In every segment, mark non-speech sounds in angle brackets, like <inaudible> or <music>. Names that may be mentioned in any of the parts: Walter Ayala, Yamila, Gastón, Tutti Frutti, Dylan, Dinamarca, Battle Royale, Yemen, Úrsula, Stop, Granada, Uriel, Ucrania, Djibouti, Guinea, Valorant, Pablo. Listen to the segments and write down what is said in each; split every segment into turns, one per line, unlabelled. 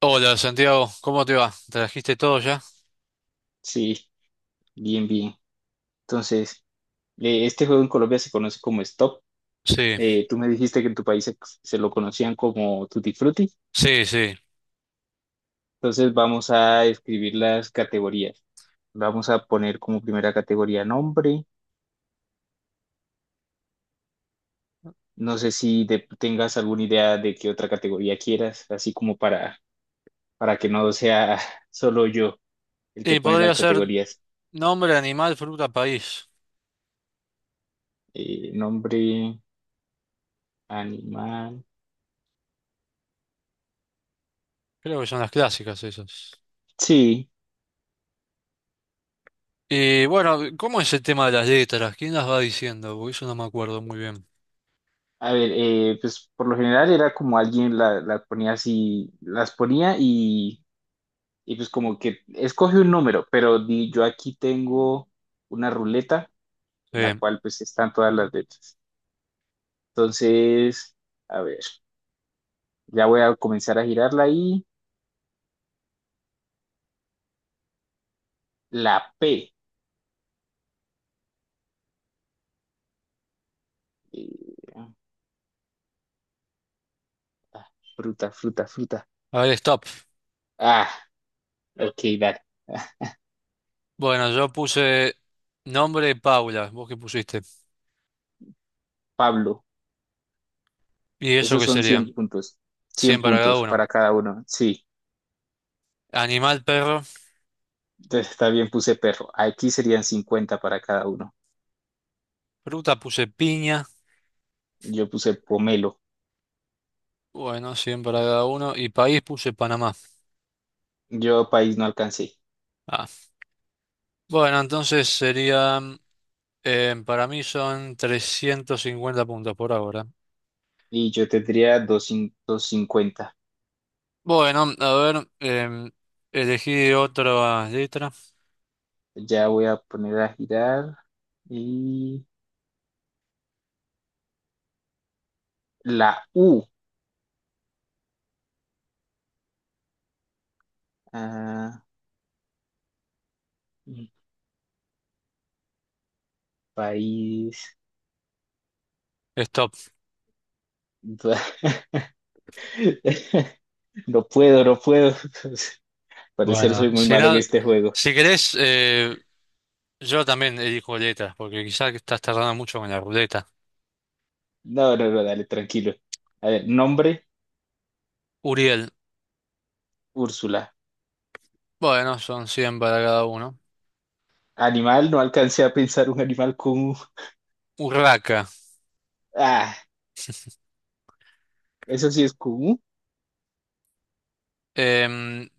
Hola Santiago, ¿cómo te va? ¿Trajiste todo ya?
Sí, bien, bien. Entonces, este juego en Colombia se conoce como Stop.
Sí,
Tú me dijiste que en tu país se lo conocían como Tutti Frutti.
sí, sí.
Entonces, vamos a escribir las categorías. Vamos a poner como primera categoría nombre. No sé si tengas alguna idea de qué otra categoría quieras, así como para que no sea <laughs> solo yo el que
Y
pone
podría
las
ser
categorías.
nombre, animal, fruta, país.
Nombre, animal.
Creo que son las clásicas esas.
Sí.
Y bueno, ¿cómo es el tema de las letras? ¿Quién las va diciendo? Porque eso no me acuerdo muy bien.
A ver, pues por lo general era como alguien la ponía así, las ponía y pues como que escoge un número, pero yo aquí tengo una ruleta en la
Sí.
cual pues están todas las letras. Entonces, a ver, ya voy a comenzar a girarla y la P. Eh, ah, fruta, fruta, fruta.
A ver, stop.
Ah, ok, dale.
Bueno, yo puse nombre Paula, ¿vos qué pusiste?
Pablo,
¿Y eso
esos
qué
son 100
serían?
puntos. cien
100 para cada
puntos
uno.
para cada uno, sí.
Animal, perro.
Entonces, está bien, puse perro. Aquí serían 50 para cada uno.
Fruta puse piña.
Yo puse pomelo.
Bueno, 100 para cada uno. Y país puse Panamá.
Yo país no alcancé.
Ah. Bueno, entonces sería. Para mí son 350 puntos por ahora.
Y yo tendría 250.
Bueno, a ver, elegí otra letra.
Ya voy a poner a girar. Y la U. Ah, país.
Stop.
<laughs> No puedo, no puedo. <laughs> Parecer soy
Bueno,
muy
si,
malo en
no,
este juego.
si querés, yo también elijo letras, porque quizás estás tardando mucho con la ruleta.
No, no, no, dale, tranquilo. A ver, nombre,
Uriel.
Úrsula.
Bueno, son 100 para cada uno.
Animal, no alcancé a pensar un animal con U.
Urraca.
Ah, eso sí es con U.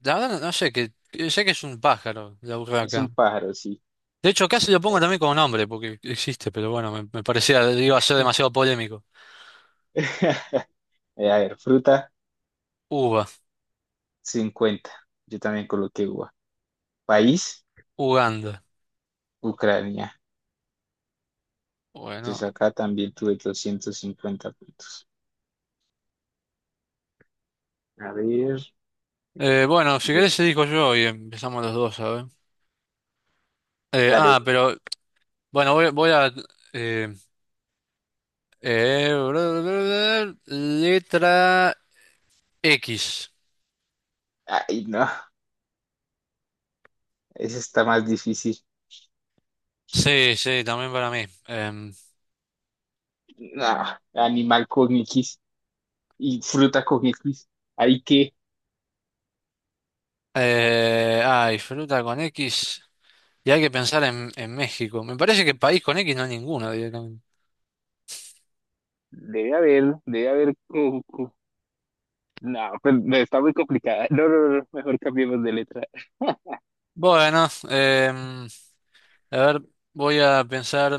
La verdad, no sé, que sé que es un pájaro, la
Es un
urraca.
pájaro, sí.
De hecho, casi lo
A
pongo
ver,
también como nombre, porque existe, pero bueno, me parecía, iba a ser demasiado polémico.
<laughs> A ver, fruta,
Uva.
50. Yo también coloqué uva. País,
Uganda.
Ucrania.
Bueno,
Entonces acá también tuve 250 puntos. A ver,
Bueno, si
bien,
querés digo yo y empezamos los dos, ¿sabes?
dale.
Pero bueno, voy a. eh, eh, <laughs> letra X.
Ay, no, ese está más difícil.
Sí, sí, también para mí.
No, animal con X y fruta con X. Hay que,
Ay, fruta con X. Y hay que pensar en México. Me parece que país con X no hay ninguno directamente.
debe haber, debe haber. No, pues, no, está muy complicada. No, no, no, no, mejor cambiemos de letra.
Bueno, a ver, voy a pensar.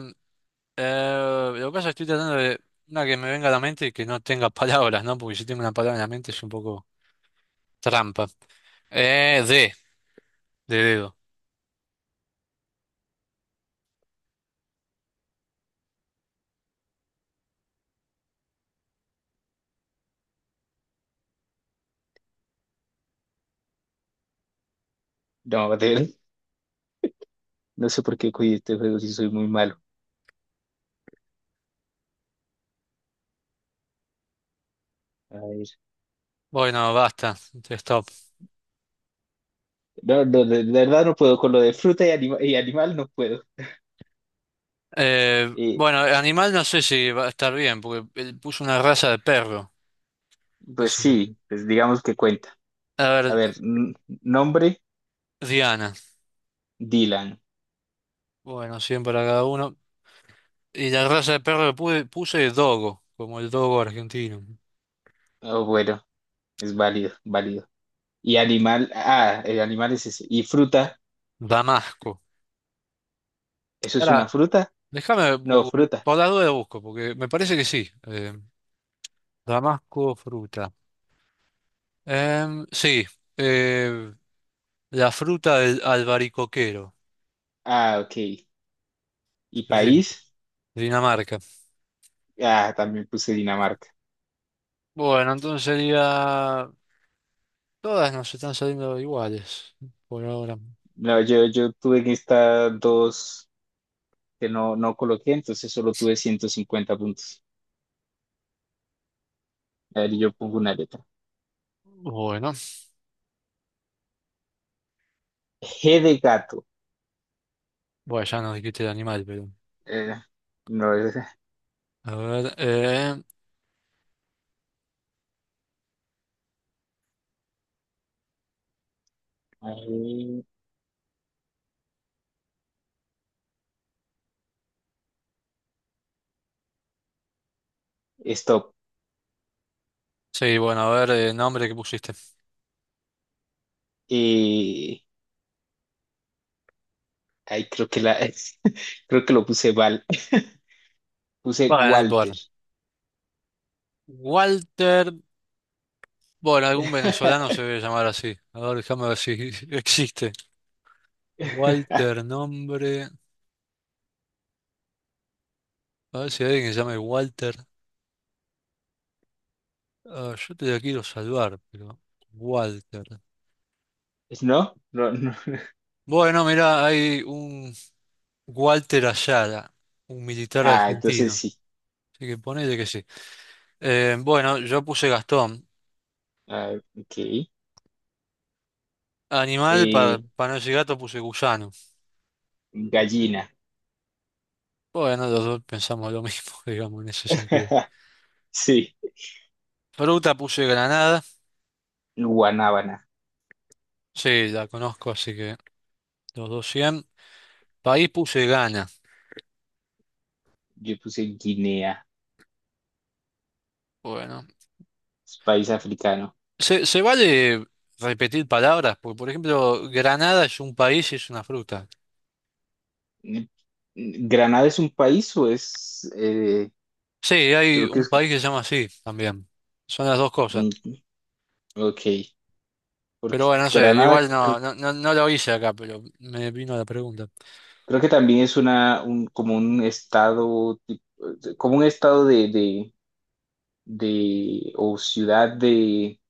Lo que pasa es que estoy tratando de una que me venga a la mente y que no tenga <laughs> palabras, ¿no? Porque si tengo una palabra en la mente es un poco trampa. Eh, de de dedo.
No, de él, no sé por qué cogí este juego si soy muy malo. A ver.
Bueno, basta, stop.
No, no, de verdad no puedo. Con lo de fruta y animal no puedo. Eh,
Bueno, animal no sé si va a estar bien, porque él puso una raza de perro, qué
pues
sé yo.
sí, pues digamos que cuenta.
A
A
ver,
ver, nombre,
Diana.
Dylan.
Bueno, 100 para cada uno. Y la raza de perro que puse es dogo, como el dogo argentino.
Oh, bueno, es válido, válido. Y animal, ah, el animal es ese. Y fruta,
Damasco.
¿eso es
Ahora,
una fruta?
déjame,
No,
bu-
fruta.
por la duda busco, porque me parece que sí. Damasco, fruta. Sí, eh, la fruta del albaricoquero.
Ah, ok. Y
Pero sí,
país,
Dinamarca.
ah, también puse Dinamarca.
Bueno, entonces sería. Todas nos están saliendo iguales por ahora.
No, yo tuve en estas dos que no coloqué, entonces solo tuve 150 puntos. A ver, yo pongo una letra.
Bueno,
G de gato.
bueno, ya nos dijiste el animal, pero.
Eh, no es.
A ver,
Ahí, stop.
Sí, bueno, a ver, el nombre que pusiste.
Y. Ahí creo que la. <laughs> Creo que lo puse Val. Puse
Bueno, no
Walter.
importa. Walter. Bueno, algún venezolano
<laughs>
se debe llamar así. A ver, déjame ver si <laughs> existe. Walter, nombre. A ver si hay alguien que se llame Walter. Ah, yo te la quiero salvar, pero Walter.
¿No? No, no.
Bueno, mirá, hay un Walter Ayala, un militar
Ah, entonces
argentino.
sí.
Así que ponele que sí. Bueno, yo puse Gastón.
Ah, ok.
Animal,
Eh,
para no decir gato, puse gusano.
gallina.
Bueno, los dos pensamos lo mismo, <laughs> digamos, en ese sentido.
<laughs> Sí.
Fruta puse granada.
Guanábana.
Sí, la conozco, así que los dos 100. País puse Ghana.
Yo puse Guinea.
Bueno.
Es país africano.
Se vale repetir palabras? Porque, por ejemplo, granada es un país y es una fruta.
Mm, ¿Granada es un país o es?
Sí, hay
Creo que
un
es.
país que se llama así también. Son las dos cosas.
Mm, ok. Porque
Pero bueno, no sé,
Granada.
igual no, no, no, no lo hice acá, pero me vino la pregunta.
Creo que también es un, como un estado, como un estado o ciudad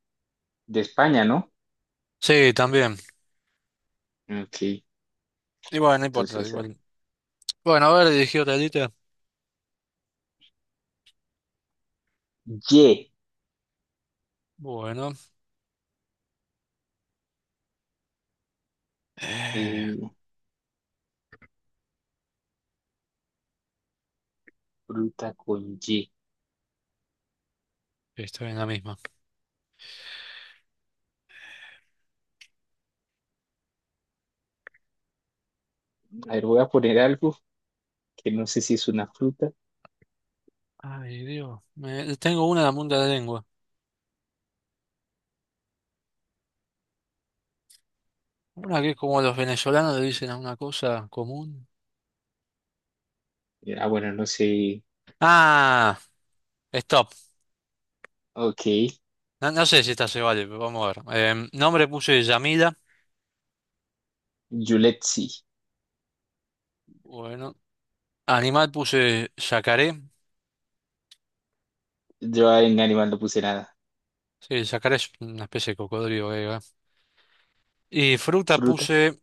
de España, ¿no?
Sí, también.
Ok,
Y bueno, no importa,
entonces,
igual. Bueno, a ver, dirigí otra lista.
Y,
Bueno, eh,
eh, fruta con Y.
estoy en la misma.
A ver, voy a poner algo que no sé si es una fruta.
Ay, Dios, tengo una en la punta de la lengua. Una que es como los venezolanos le dicen a una cosa común.
Bueno, no sé.
Ah, stop.
Ok,
No, no sé si esta se vale, pero vamos a ver. Nombre puse Yamila.
Yuletsi.
Bueno, animal puse yacaré.
Yo en animal no puse nada.
Sí, sacaré es una especie de cocodrilo, griega. Y fruta
Fruta,
puse,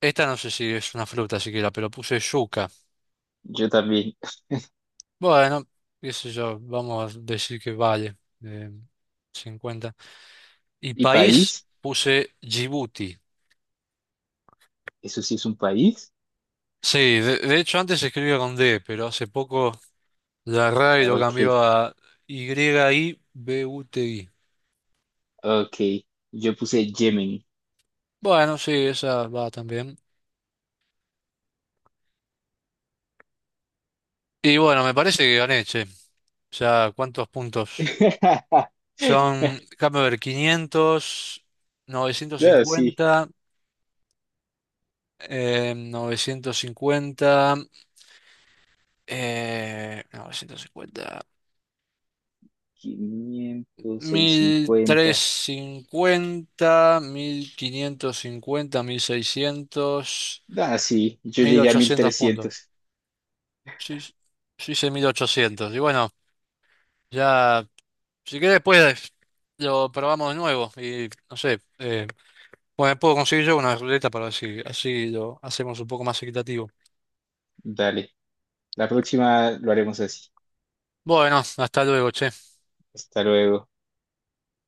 esta no sé si es una fruta siquiera, pero puse yuca.
yo también. <laughs>
Bueno, qué sé yo, vamos a decir que vale, eh, 50. Y
¿Y
país
país?
puse Djibouti.
Eso sí es un país.
Sí, de hecho antes se escribía con D, pero hace poco la RAI
Ah,
lo
Ok,
cambió a Yibuti.
ok. Yo puse Yemen.
Bueno, sí, esa va también. Y bueno, me parece que gané, che. O sea, ¿cuántos puntos?
<laughs>
Son, déjame ver, 500,
Ah, sí,
950, 950, 950,
500,
mil trescientos
50.
cincuenta, 1.550, 1.600,
Ah, sí, yo
mil
llegué a mil
ochocientos puntos.
trescientos
Sí, sí, sí, hice 1.800. Y bueno, ya, si querés, después lo probamos de nuevo. Y no sé, bueno, puedo conseguir yo una ruleta para ver si así lo hacemos un poco más equitativo.
Dale, la próxima lo haremos así.
Bueno, hasta luego, che.
Hasta luego.